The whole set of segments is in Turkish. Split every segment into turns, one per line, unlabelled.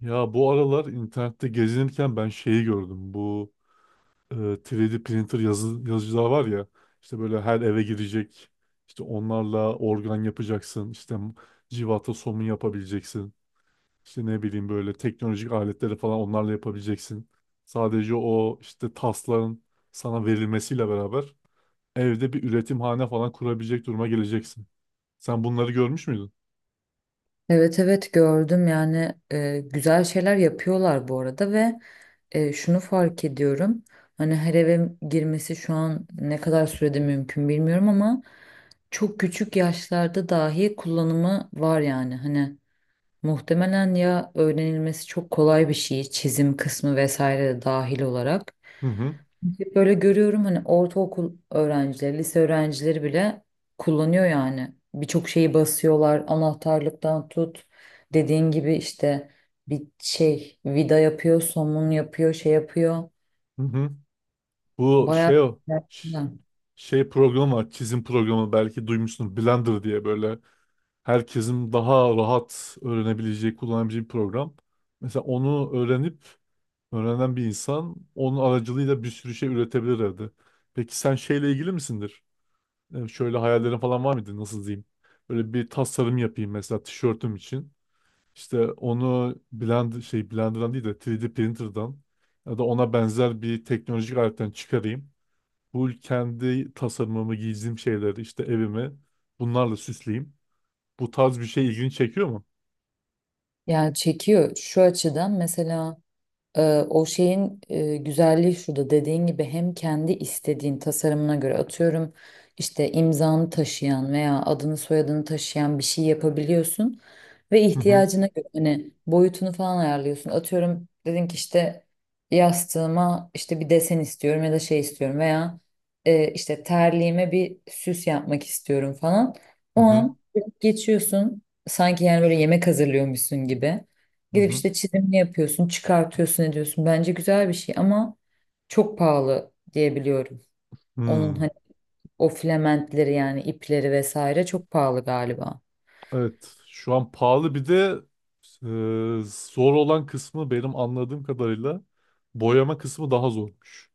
Ya bu aralar internette gezinirken ben şeyi gördüm. Bu 3D printer yazıcılar var ya. İşte böyle her eve girecek. İşte onlarla organ yapacaksın. İşte civata somun yapabileceksin. İşte ne bileyim böyle teknolojik aletleri falan onlarla yapabileceksin. Sadece o işte tasların sana verilmesiyle beraber evde bir üretimhane falan kurabilecek duruma geleceksin. Sen bunları görmüş müydün?
Evet, evet, gördüm. Yani güzel şeyler yapıyorlar bu arada. Ve şunu fark ediyorum, hani her eve girmesi şu an ne kadar sürede mümkün bilmiyorum ama çok küçük yaşlarda dahi kullanımı var. Yani hani muhtemelen ya öğrenilmesi çok kolay bir şey, çizim kısmı vesaire de dahil olarak.
Hı hı.
Hep böyle görüyorum, hani ortaokul öğrencileri, lise öğrencileri bile kullanıyor yani. Birçok şeyi basıyorlar. Anahtarlıktan tut. Dediğin gibi işte bir şey vida yapıyor, somun yapıyor, şey yapıyor.
Hı hı. Bu şey
Bayağı.
o ş- şey programı var, çizim programı, belki duymuşsun, Blender diye, böyle herkesin daha rahat öğrenebileceği, kullanabileceği bir program. Mesela onu öğrenen bir insan onun aracılığıyla bir sürü şey üretebilir evde. Peki sen şeyle ilgili misindir? Yani şöyle hayallerin falan var mıydı, nasıl diyeyim? Böyle bir tasarım yapayım mesela tişörtüm için. İşte onu Blender'dan değil de 3D printer'dan ya da ona benzer bir teknolojik aletten çıkarayım. Bu kendi tasarımımı, giydiğim şeyleri, işte evimi bunlarla süsleyeyim. Bu tarz bir şey ilgini çekiyor mu?
Yani çekiyor şu açıdan. Mesela Ee, o şeyin güzelliği şurada, dediğin gibi hem kendi istediğin tasarımına göre, atıyorum işte imzanı taşıyan veya adını soyadını taşıyan bir şey yapabiliyorsun ve
Hı hı,
ihtiyacına göre hani boyutunu falan ayarlıyorsun. Atıyorum dedin ki işte yastığıma işte bir desen istiyorum ya da şey istiyorum veya işte terliğime bir süs yapmak istiyorum falan.
hı
O
hı,
an geçiyorsun sanki, yani böyle yemek hazırlıyormuşsun gibi.
hı
Gidip
hı.
işte çizimini yapıyorsun, çıkartıyorsun, ediyorsun. Bence güzel bir şey ama çok pahalı diye biliyorum. Onun
Hmm.
hani o filamentleri yani ipleri vesaire çok pahalı galiba.
Evet, şu an pahalı. Bir de zor olan kısmı, benim anladığım kadarıyla boyama kısmı daha zormuş.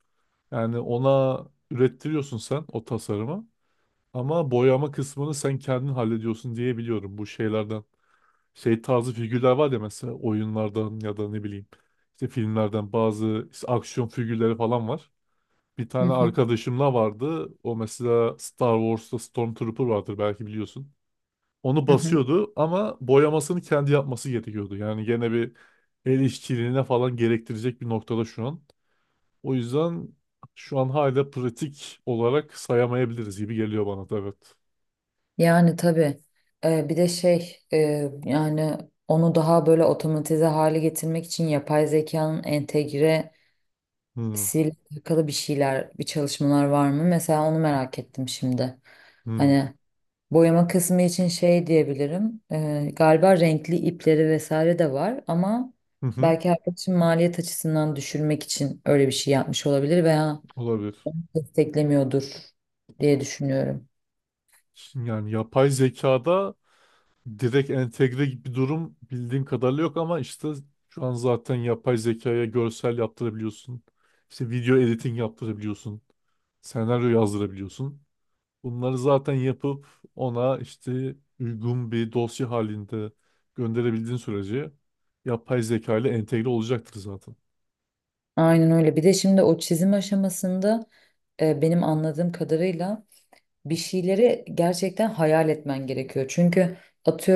Yani ona ürettiriyorsun sen o tasarımı ama boyama kısmını sen kendin hallediyorsun diye biliyorum. Bu şeylerden şey tarzı figürler var ya, mesela oyunlardan ya da ne bileyim işte filmlerden, bazı işte aksiyon figürleri falan var. Bir
Hı
tane
hı,
arkadaşımla vardı. O mesela Star Wars'ta Stormtrooper vardır, belki biliyorsun. Onu
hı hı.
basıyordu ama boyamasını kendi yapması gerekiyordu. Yani gene bir el işçiliğine falan gerektirecek bir noktada şu an. O yüzden şu an hala pratik olarak sayamayabiliriz gibi geliyor bana da, evet.
Yani tabii. Bir de şey, yani onu daha böyle otomatize hale getirmek için yapay zekanın entegresiyle
Hmm,
alakalı bir şeyler, bir çalışmalar var mı? Mesela onu merak ettim şimdi.
hmm,
Hani boyama kısmı için şey diyebilirim. Galiba renkli ipleri vesaire de var ama
hı hı,
belki arkadaşım maliyet açısından düşürmek için öyle bir şey yapmış olabilir veya
olabilir.
desteklemiyordur diye düşünüyorum.
Şimdi yani yapay zekada direkt entegre gibi bir durum bildiğim kadarıyla yok ama işte şu an zaten yapay zekaya görsel yaptırabiliyorsun. İşte video editing yaptırabiliyorsun. Senaryo yazdırabiliyorsun. Bunları zaten yapıp ona işte uygun bir dosya halinde gönderebildiğin sürece yapay zeka ile entegre olacaktır zaten.
Aynen öyle. Bir de şimdi o çizim aşamasında benim anladığım kadarıyla bir şeyleri gerçekten hayal etmen gerekiyor. Çünkü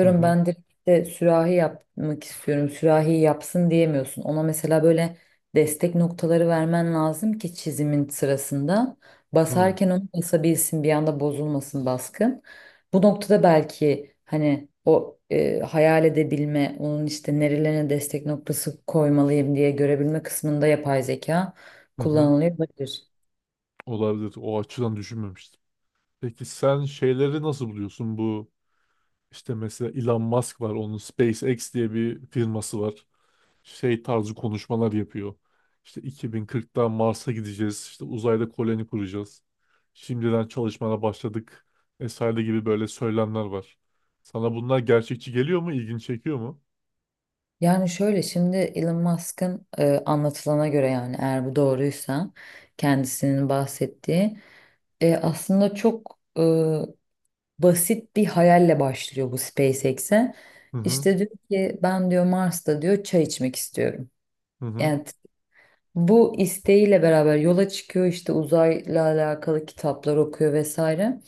Hı hı
ben direkt de sürahi yapmak istiyorum, sürahi yapsın diyemiyorsun. Ona mesela böyle destek noktaları vermen lazım ki çizimin sırasında
hı
basarken onu basabilsin, bir anda bozulmasın baskın. Bu noktada belki hani o hayal edebilme, onun işte nerelerine destek noktası koymalıyım diye görebilme kısmında yapay zeka
hı. Hı.
kullanılıyor olabilir.
Olabilir. O açıdan düşünmemiştim. Peki sen şeyleri nasıl buluyorsun? Bu işte mesela Elon Musk var. Onun SpaceX diye bir firması var. Şey tarzı konuşmalar yapıyor. İşte 2040'da Mars'a gideceğiz. İşte uzayda koloni kuracağız. Şimdiden çalışmana başladık. Vesaire gibi böyle söylemler var. Sana bunlar gerçekçi geliyor mu? İlgini çekiyor mu?
Yani şöyle, şimdi Elon Musk'ın anlatılana göre, yani eğer bu doğruysa, kendisinin bahsettiği, aslında çok basit bir hayalle başlıyor bu SpaceX'e.
Hı hı
İşte diyor ki ben diyor Mars'ta diyor çay içmek istiyorum.
hı hı
Yani bu isteğiyle beraber yola çıkıyor, işte uzayla alakalı kitaplar okuyor vesaire.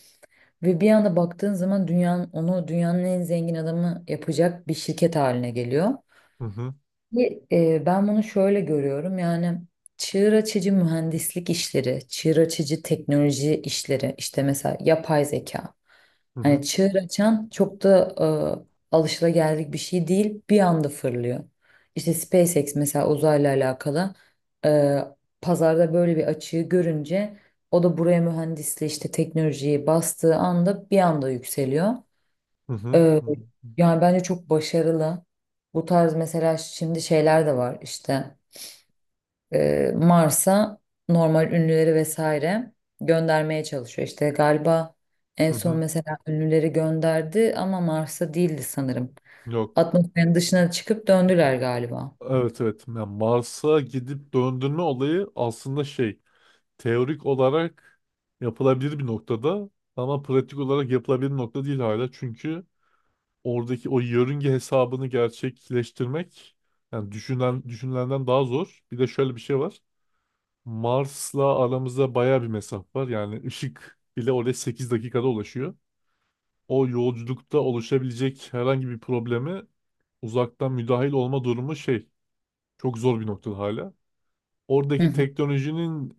Ve bir anda baktığın zaman dünyanın en zengin adamı yapacak bir şirket haline geliyor.
hı hı
Ki, ben bunu şöyle görüyorum, yani çığır açıcı mühendislik işleri, çığır açıcı teknoloji işleri, işte mesela yapay zeka. Hani
hı
çığır açan çok da alışılageldik bir şey değil, bir anda fırlıyor. İşte SpaceX mesela uzayla alakalı e, pazarda böyle bir açığı görünce o da buraya mühendisliği işte teknolojiyi bastığı anda bir anda yükseliyor.
hı hı
Ee,
hı
Yani bence çok başarılı. Bu tarz mesela şimdi şeyler de var. İşte Mars'a normal ünlüleri vesaire göndermeye çalışıyor. İşte galiba en
hı
son
hı.
mesela ünlüleri gönderdi ama Mars'a değildi sanırım.
Yok.
Atmosferin dışına çıkıp döndüler galiba.
Evet, evet. Yani Mars'a gidip döndürme olayı aslında şey, teorik olarak yapılabilir bir noktada ama pratik olarak yapılabilir bir nokta değil hala. Çünkü oradaki o yörünge hesabını gerçekleştirmek, yani düşünen düşünülenden daha zor. Bir de şöyle bir şey var. Mars'la aramızda baya bir mesafe var. Yani ışık bile oraya 8 dakikada ulaşıyor. O yolculukta oluşabilecek herhangi bir problemi uzaktan müdahil olma durumu şey, çok zor bir noktada hala
Hı
oradaki
hı.
teknolojinin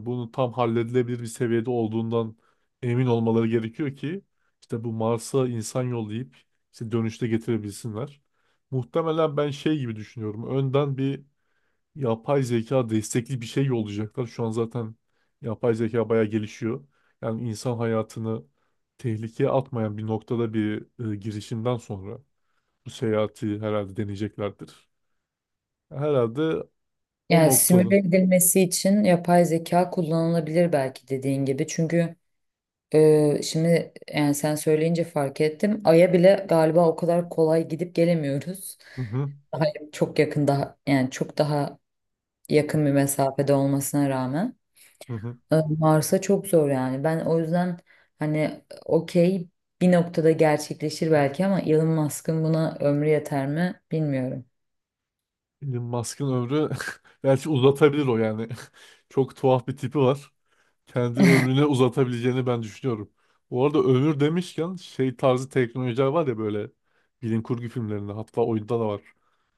bunu tam halledilebilir bir seviyede olduğundan emin olmaları gerekiyor ki işte bu Mars'a insan yollayıp işte dönüşte getirebilsinler. Muhtemelen ben şey gibi düşünüyorum. Önden bir yapay zeka destekli bir şey yollayacaklar. Şu an zaten yapay zeka bayağı gelişiyor. Yani insan hayatını tehlikeye atmayan bir noktada bir girişimden sonra bu seyahati herhalde deneyeceklerdir. Herhalde o
Yani
noktada.
simüle edilmesi için yapay zeka kullanılabilir belki, dediğin gibi. Çünkü şimdi yani sen söyleyince fark ettim. Ay'a bile galiba o kadar kolay gidip gelemiyoruz.
Hı hı,
Daha çok yakın, daha yani çok daha yakın bir mesafede olmasına rağmen.
hı hı.
Mars'a çok zor yani. Ben o yüzden hani okey, bir noktada gerçekleşir belki ama Elon Musk'ın buna ömrü yeter mi bilmiyorum.
Elon Musk'ın ömrü belki uzatabilir o, yani. Çok tuhaf bir tipi var. Kendi ömrüne uzatabileceğini ben düşünüyorum. Bu arada ömür demişken, şey tarzı teknolojiler var ya, böyle bilim kurgu filmlerinde, hatta oyunda da var.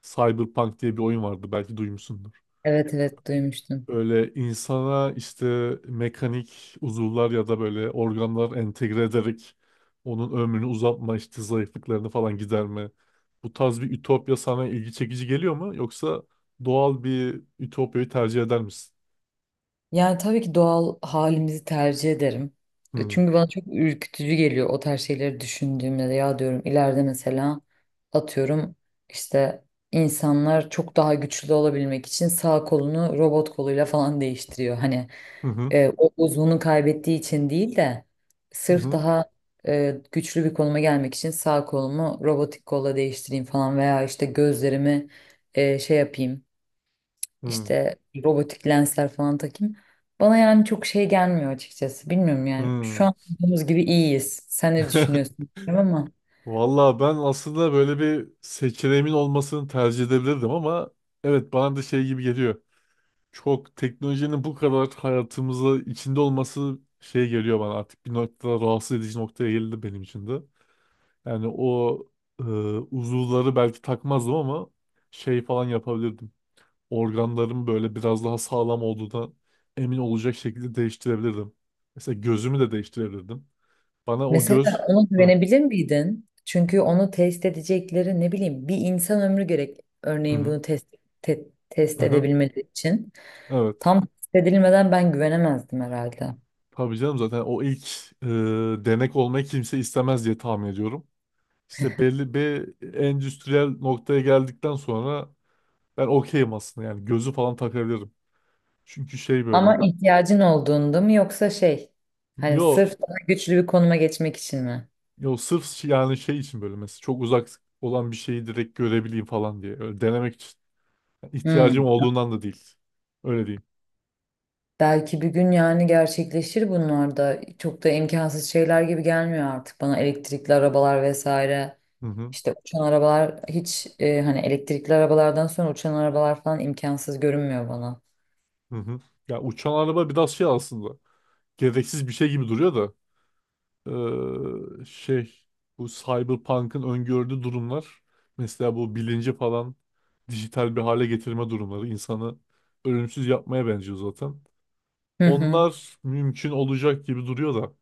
Cyberpunk diye bir oyun vardı, belki duymuşsundur.
Evet, evet, duymuştum.
Böyle insana işte mekanik uzuvlar ya da böyle organlar entegre ederek onun ömrünü uzatma, işte zayıflıklarını falan giderme. Bu tarz bir ütopya sana ilgi çekici geliyor mu? Yoksa doğal bir ütopyayı tercih eder misin?
Yani tabii ki doğal halimizi tercih ederim.
Hmm.
Çünkü bana çok ürkütücü geliyor o tarz şeyleri düşündüğümde de, ya diyorum ileride mesela atıyorum işte insanlar çok daha güçlü olabilmek için sağ kolunu robot koluyla falan değiştiriyor. Hani
Hı hı.
o uzvunu kaybettiği için değil de
Hı
sırf
hı.
daha güçlü bir konuma gelmek için sağ kolumu robotik kolla değiştireyim falan veya işte gözlerimi şey yapayım,
Hı.
işte robotik lensler falan takayım. Bana yani çok şey gelmiyor açıkçası. Bilmiyorum yani. Şu
Hı.
an olduğumuz gibi iyiyiz. Sen ne düşünüyorsun bilmiyorum ama.
Valla ben aslında böyle bir seçeneğimin olmasını tercih edebilirdim ama evet, bana da şey gibi geliyor. Çok teknolojinin bu kadar hayatımıza içinde olması şey geliyor bana, artık bir noktada rahatsız edici noktaya geldi benim için de. Yani o e, uzuvları belki takmazdım ama şey falan yapabilirdim. Organlarım böyle biraz daha sağlam olduğuna emin olacak şekilde değiştirebilirdim. Mesela gözümü de değiştirebilirdim. Bana o
Mesela
göz...
ona
Hı,
güvenebilir miydin? Çünkü onu test edecekleri ne bileyim bir insan ömrü gerek.
hı,
Örneğin
hı,
bunu te- test
hı, hı.
edebilmeleri için.
Evet.
Tam test edilmeden ben güvenemezdim herhalde.
Tabii canım, zaten o ilk e, denek olmayı kimse istemez diye tahmin ediyorum. İşte belli bir endüstriyel noktaya geldikten sonra ben okeyim aslında, yani gözü falan takabilirim. Çünkü şey böyle,
Ama ihtiyacın olduğunda mı yoksa şey, hani
yo
sırf daha güçlü bir konuma geçmek için mi?
yo, sırf yani şey için, böyle mesela çok uzak olan bir şeyi direkt görebileyim falan diye, öyle denemek için. Yani
Hmm.
ihtiyacım olduğundan da değil. Öyle diyeyim.
Belki bir gün yani gerçekleşir bunlar da. Çok da imkansız şeyler gibi gelmiyor artık bana, elektrikli arabalar vesaire.
Hı hı.
İşte uçan arabalar hiç, hani elektrikli arabalardan sonra uçan arabalar falan imkansız görünmüyor bana.
Hı hı. Ya uçan araba biraz şey aslında, gereksiz bir şey gibi duruyor da, şey bu Cyberpunk'ın öngördüğü durumlar, mesela bu bilinci falan dijital bir hale getirme durumları, insanı ölümsüz yapmaya benziyor zaten.
Hı hı.
Onlar mümkün olacak gibi duruyor da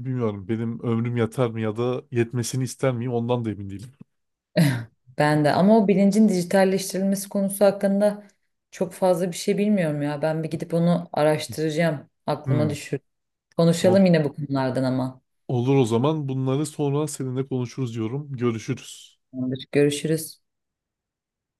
bilmiyorum, benim ömrüm yeter mi ya da yetmesini ister miyim, ondan da emin değilim.
Ben de ama o bilincin dijitalleştirilmesi konusu hakkında çok fazla bir şey bilmiyorum ya. Ben bir gidip onu araştıracağım. Aklıma
Hmm,
düşür. Konuşalım
tamam.
yine bu konulardan ama.
Olur, o zaman bunları sonra seninle konuşuruz diyorum. Görüşürüz.
Tamamdır. Görüşürüz.